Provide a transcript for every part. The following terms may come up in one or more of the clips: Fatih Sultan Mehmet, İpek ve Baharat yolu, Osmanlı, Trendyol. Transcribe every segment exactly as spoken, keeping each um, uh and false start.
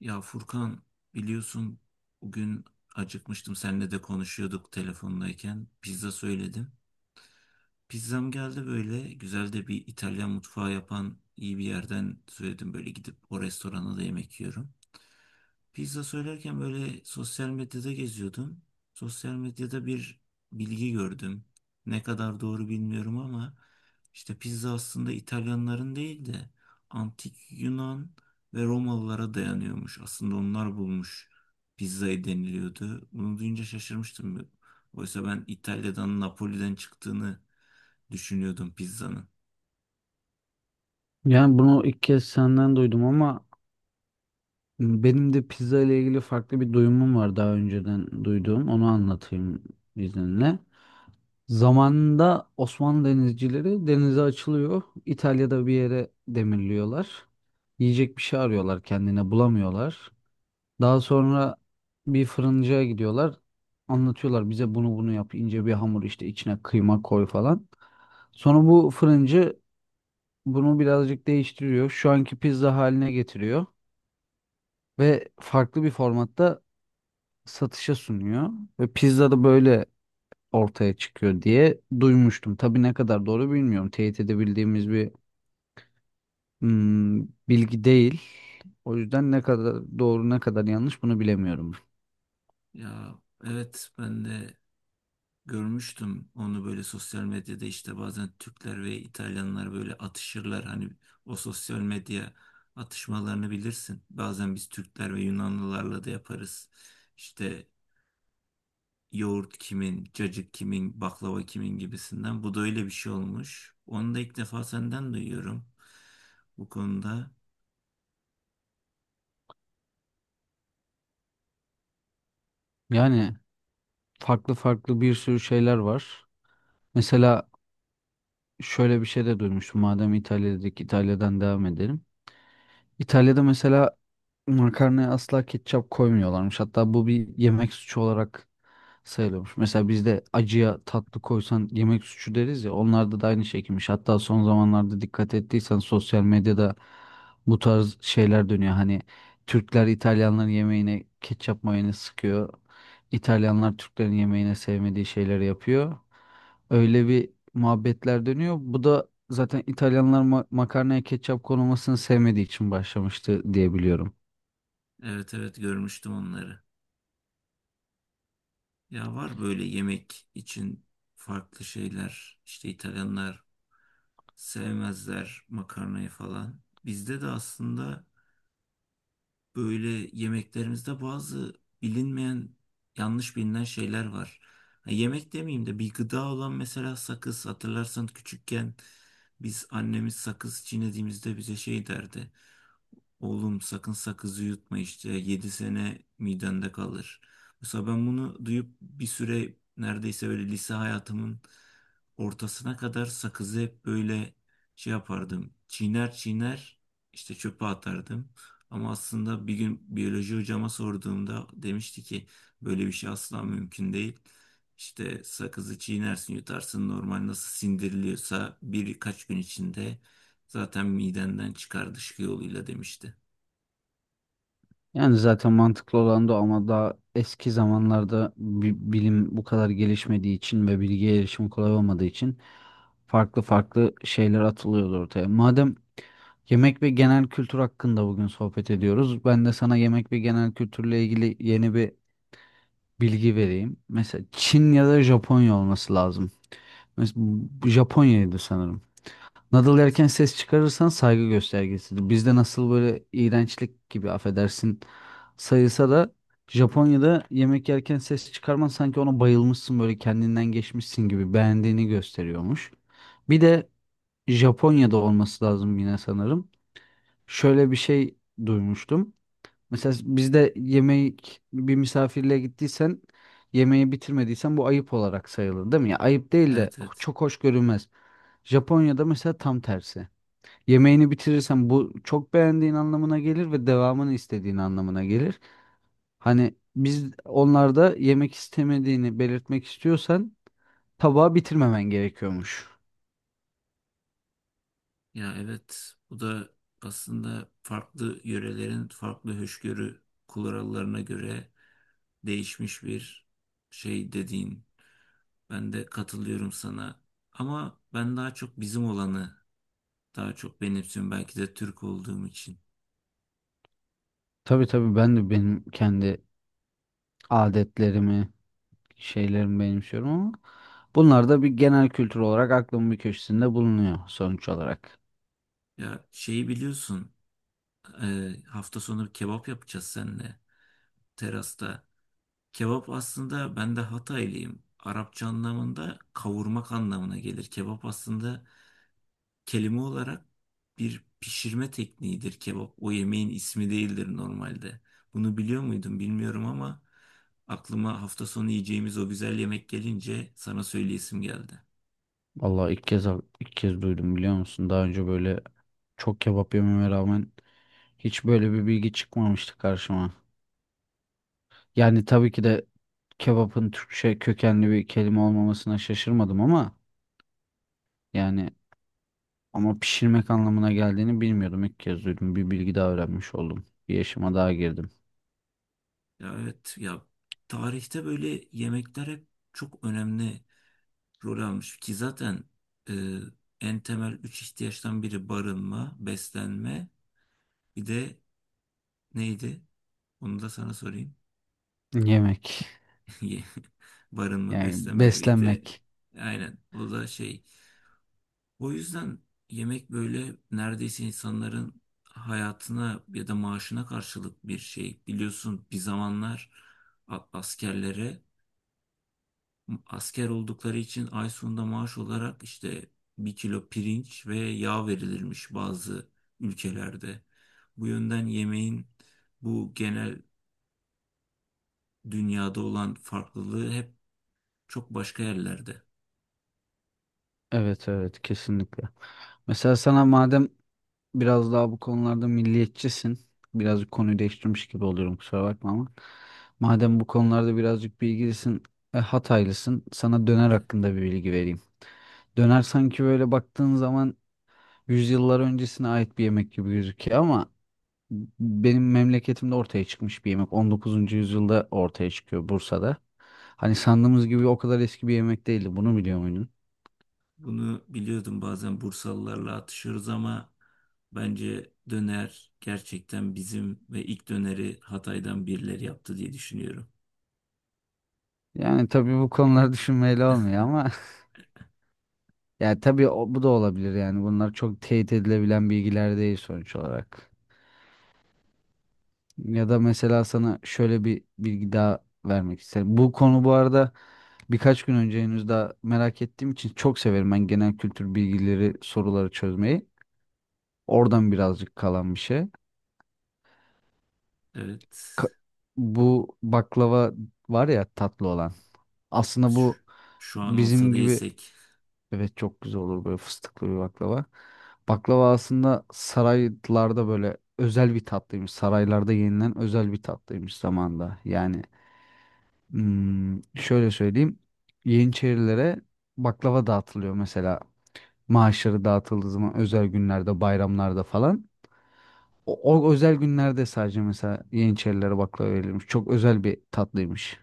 Ya Furkan, biliyorsun, bugün acıkmıştım, seninle de konuşuyorduk telefondayken pizza söyledim. Pizzam geldi, böyle güzel de bir İtalyan mutfağı yapan iyi bir yerden söyledim, böyle gidip o restorana da yemek yiyorum. Pizza söylerken böyle sosyal medyada geziyordum. Sosyal medyada bir bilgi gördüm. Ne kadar doğru bilmiyorum ama işte pizza aslında İtalyanların değil de antik Yunan ve Romalılara dayanıyormuş. Aslında onlar bulmuş pizzayı deniliyordu. Bunu duyunca şaşırmıştım. Oysa ben İtalya'dan, Napoli'den çıktığını düşünüyordum pizzanın. Yani bunu ilk kez senden duydum ama benim de pizza ile ilgili farklı bir duyumum var daha önceden duyduğum. Onu anlatayım izninle. Zamanında Osmanlı denizcileri denize açılıyor. İtalya'da bir yere demirliyorlar. Yiyecek bir şey arıyorlar kendine bulamıyorlar. Daha sonra bir fırıncıya gidiyorlar. Anlatıyorlar bize bunu bunu yap ince bir hamur işte içine kıyma koy falan. Sonra bu fırıncı bunu birazcık değiştiriyor. Şu anki pizza haline getiriyor ve farklı bir formatta satışa sunuyor. Ve pizza da böyle ortaya çıkıyor diye duymuştum. Tabii ne kadar doğru bilmiyorum. Teyit edebildiğimiz bir hmm, bilgi değil. O yüzden ne kadar doğru ne kadar yanlış bunu bilemiyorum. Ya, evet, ben de görmüştüm onu böyle sosyal medyada, işte bazen Türkler ve İtalyanlar böyle atışırlar. Hani o sosyal medya atışmalarını bilirsin. Bazen biz Türkler ve Yunanlılarla da yaparız. İşte yoğurt kimin, cacık kimin, baklava kimin gibisinden. Bu da öyle bir şey olmuş. Onu da ilk defa senden duyuyorum bu konuda. Yani farklı farklı bir sürü şeyler var. Mesela şöyle bir şey de duymuştum. Madem İtalya'daki İtalya'dan devam edelim. İtalya'da mesela makarnaya asla ketçap koymuyorlarmış. Hatta bu bir yemek suçu olarak sayılıyormuş. Mesela bizde acıya tatlı koysan yemek suçu deriz ya onlarda da aynı şekilmiş. Hatta son zamanlarda dikkat ettiysen sosyal medyada bu tarz şeyler dönüyor. Hani Türkler İtalyanların yemeğine ketçap mayonez sıkıyor. İtalyanlar Türklerin yemeğine sevmediği şeyleri yapıyor. Öyle bir muhabbetler dönüyor. Bu da zaten İtalyanlar ma- makarnaya ketçap konulmasını sevmediği için başlamıştı diye biliyorum. Evet, evet, görmüştüm onları. Ya var böyle yemek için farklı şeyler. İşte İtalyanlar sevmezler makarnayı falan. Bizde de aslında böyle yemeklerimizde bazı bilinmeyen, yanlış bilinen şeyler var. Ha, yemek demeyeyim de, bir gıda olan mesela sakız. Hatırlarsan küçükken biz, annemiz sakız çiğnediğimizde bize şey derdi. Oğlum, sakın sakızı yutma, işte yedi sene midende kalır. Mesela ben bunu duyup bir süre, neredeyse böyle lise hayatımın ortasına kadar, sakızı hep böyle şey yapardım. Çiğner çiğner işte çöpe atardım. Ama aslında bir gün biyoloji hocama sorduğumda demişti ki böyle bir şey asla mümkün değil. İşte sakızı çiğnersin, yutarsın, normal nasıl sindiriliyorsa birkaç gün içinde zaten midenden çıkar dışkı yoluyla demişti. Yani zaten mantıklı olan da o ama daha eski zamanlarda bi- bilim bu kadar gelişmediği için ve bilgiye erişim kolay olmadığı için farklı farklı şeyler atılıyordu ortaya. Madem yemek ve genel kültür hakkında bugün sohbet ediyoruz, ben de sana yemek ve genel kültürle ilgili yeni bir bilgi vereyim. Mesela Çin ya da Japonya olması lazım. Mesela Japonya'ydı sanırım. Nadal Evet. erken ses çıkarırsan saygı göstergesidir. Bizde nasıl böyle iğrençlik gibi affedersin sayılsa da Japonya'da yemek yerken ses çıkarman sanki ona bayılmışsın böyle kendinden geçmişsin gibi beğendiğini gösteriyormuş. Bir de Japonya'da olması lazım yine sanırım. Şöyle bir şey duymuştum. Mesela bizde yemek bir misafirliğe gittiysen yemeği bitirmediysen bu ayıp olarak sayılır değil mi? Ya ayıp değil de Evet, evet. çok hoş görünmez. Japonya'da mesela tam tersi. Yemeğini bitirirsen bu çok beğendiğin anlamına gelir ve devamını istediğin anlamına gelir. Hani biz onlarda yemek istemediğini belirtmek istiyorsan tabağı bitirmemen gerekiyormuş. Ya, evet, bu da aslında farklı yörelerin farklı hoşgörü kurallarına göre değişmiş bir şey dediğin. Ben de katılıyorum sana. Ama ben daha çok bizim olanı daha çok benimsiyorum. Belki de Türk olduğum için. Tabii tabii ben de benim kendi adetlerimi, şeylerimi benimsiyorum ama bunlar da bir genel kültür olarak aklımın bir köşesinde bulunuyor sonuç olarak. Ya, şeyi biliyorsun, e, hafta sonu kebap yapacağız seninle terasta. Kebap aslında, ben de Hataylıyım, Arapça anlamında kavurmak anlamına gelir. Kebap aslında kelime olarak bir pişirme tekniğidir kebap. O yemeğin ismi değildir normalde. Bunu biliyor muydun bilmiyorum ama aklıma hafta sonu yiyeceğimiz o güzel yemek gelince sana söyleyesim geldi. Vallahi ilk kez ilk kez duydum biliyor musun? Daha önce böyle çok kebap yememe rağmen hiç böyle bir bilgi çıkmamıştı karşıma. Yani tabii ki de kebapın Türkçe kökenli bir kelime olmamasına şaşırmadım ama yani ama pişirmek anlamına geldiğini bilmiyordum. İlk kez duydum. Bir bilgi daha öğrenmiş oldum. Bir yaşıma daha girdim. Ya, evet ya, tarihte böyle yemekler hep çok önemli rol almış ki zaten e, en temel üç ihtiyaçtan biri barınma, beslenme, bir de neydi? Onu da sana sorayım. Yemek. Ye- Barınma, Yani beslenme, bir de beslenmek. aynen o da şey. O yüzden yemek böyle neredeyse insanların hayatına ya da maaşına karşılık bir şey. Biliyorsun, bir zamanlar a- askerlere, asker oldukları için ay sonunda maaş olarak işte bir kilo pirinç ve yağ verilirmiş bazı ülkelerde. Bu yönden yemeğin bu genel dünyada olan farklılığı hep çok başka yerlerde. Evet evet kesinlikle. Mesela sana madem biraz daha bu konularda milliyetçisin. Birazcık konuyu değiştirmiş gibi oluyorum kusura bakma ama. Madem bu konularda birazcık bilgilisin, e, Hataylısın. Sana döner Evet. hakkında bir bilgi vereyim. Döner sanki böyle baktığın zaman yüzyıllar öncesine ait bir yemek gibi gözüküyor ama benim memleketimde ortaya çıkmış bir yemek. On dokuzuncu yüzyılda ortaya çıkıyor Bursa'da. Hani sandığımız gibi o kadar eski bir yemek değildi. Bunu biliyor muydun? Bunu biliyordum, bazen Bursalılarla atışıyoruz ama bence döner gerçekten bizim ve ilk döneri Hatay'dan birileri yaptı diye düşünüyorum. Yani tabii bu konular düşünmeyle olmuyor ama yani tabii o- bu da olabilir yani. Bunlar çok teyit edilebilen bilgiler değil sonuç olarak. Ya da mesela sana şöyle bir bilgi daha vermek isterim. Bu konu bu arada birkaç gün önce henüz daha merak ettiğim için çok severim ben genel kültür bilgileri, soruları çözmeyi. Oradan birazcık kalan bir şey. Evet. Ka- Bu baklava var ya tatlı olan. Aslında Şu, bu şu an olsa bizim da gibi yesek. evet çok güzel olur böyle fıstıklı bir baklava. Baklava aslında saraylarda böyle özel bir tatlıymış. Saraylarda yenilen özel bir tatlıymış zamanda. Yani hmm, şöyle söyleyeyim. Yeniçerilere baklava dağıtılıyor mesela. Maaşları dağıtıldığı zaman özel günlerde, bayramlarda falan. O, o özel günlerde sadece mesela Yeniçerilere baklava verilmiş. Çok özel bir tatlıymış.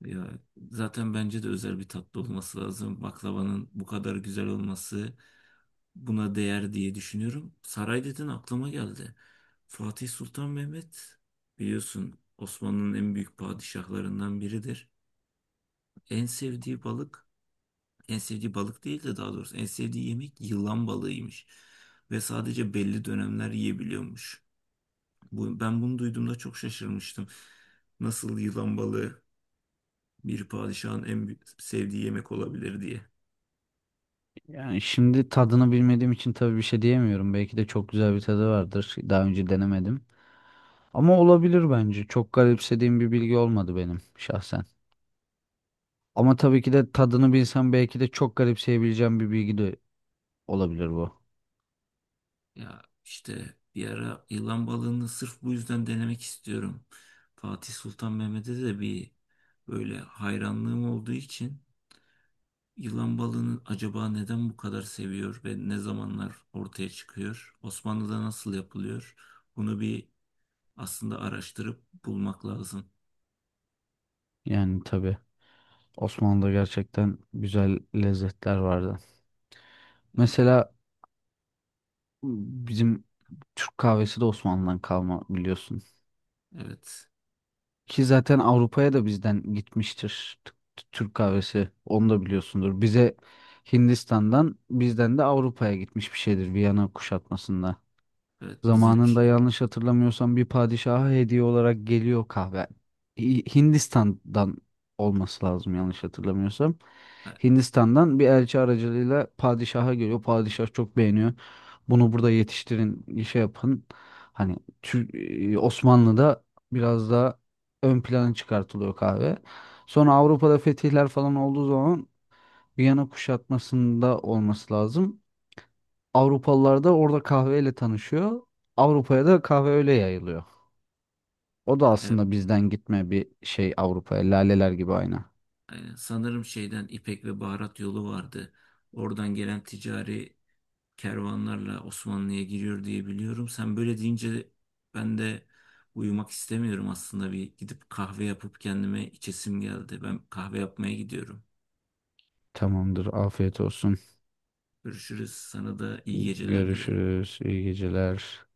Ya, zaten bence de özel bir tatlı olması lazım. Baklavanın bu kadar güzel olması buna değer diye düşünüyorum. Saray dedin, aklıma geldi. Fatih Sultan Mehmet, biliyorsun, Osmanlı'nın en büyük padişahlarından biridir. En sevdiği balık En sevdiği balık değil de, daha doğrusu en sevdiği yemek yılan balığıymış. Ve sadece belli dönemler yiyebiliyormuş. Bu, ben bunu duyduğumda çok şaşırmıştım. Nasıl yılan balığı bir padişahın en büyük- sevdiği yemek olabilir diye. Yani şimdi tadını bilmediğim için tabii bir şey diyemiyorum. Belki de çok güzel bir tadı vardır. Daha önce denemedim. Ama olabilir bence. Çok garipsediğim bir bilgi olmadı benim şahsen. Ama tabii ki de tadını bilsem belki de çok garipseyebileceğim bir bilgi de olabilir bu. Ya işte, bir ara yılan balığını sırf bu yüzden denemek istiyorum. Fatih Sultan Mehmet'e de bir böyle hayranlığım olduğu için, yılan balığını acaba neden bu kadar seviyor ve ne zamanlar ortaya çıkıyor? Osmanlı'da nasıl yapılıyor? Bunu bir aslında araştırıp bulmak lazım. Yani tabii Osmanlı'da gerçekten güzel lezzetler vardı. Ya, Mesela bizim Türk kahvesi de Osmanlı'dan kalma biliyorsun. evet, Ki zaten Avrupa'ya da bizden gitmiştir t- t- Türk kahvesi. Onu da biliyorsundur. Bize Hindistan'dan bizden de Avrupa'ya gitmiş bir şeydir Viyana kuşatmasında. evet, bizim Zamanında için. yanlış hatırlamıyorsam bir padişaha hediye olarak geliyor kahve. Hi- Hindistan'dan olması lazım yanlış hatırlamıyorsam. E- Hindistan'dan bir elçi aracılığıyla padişaha geliyor. Padişah çok beğeniyor. Bunu burada yetiştirin, şey yapın. Hani Tür- e, Osmanlı'da biraz daha ön plana çıkartılıyor kahve. Sonra Avrupa'da fetihler falan olduğu zaman Viyana kuşatmasında olması lazım. Avrupalılar da orada kahveyle tanışıyor. Avrupa'ya da kahve öyle yayılıyor. O da e- aslında bizden gitme bir şey Avrupa'ya. Laleler gibi aynı. aynen. Sanırım şeyden, İpek ve Baharat yolu vardı. Oradan gelen ticari kervanlarla Osmanlı'ya giriyor diye biliyorum. Sen böyle deyince ben de uyumak istemiyorum aslında, bir gidip kahve yapıp kendime içesim geldi. Ben kahve yapmaya gidiyorum. Tamamdır. Afiyet olsun. Görüşürüz. Sana da iyi geceler dilerim. Görüşürüz. İyi geceler.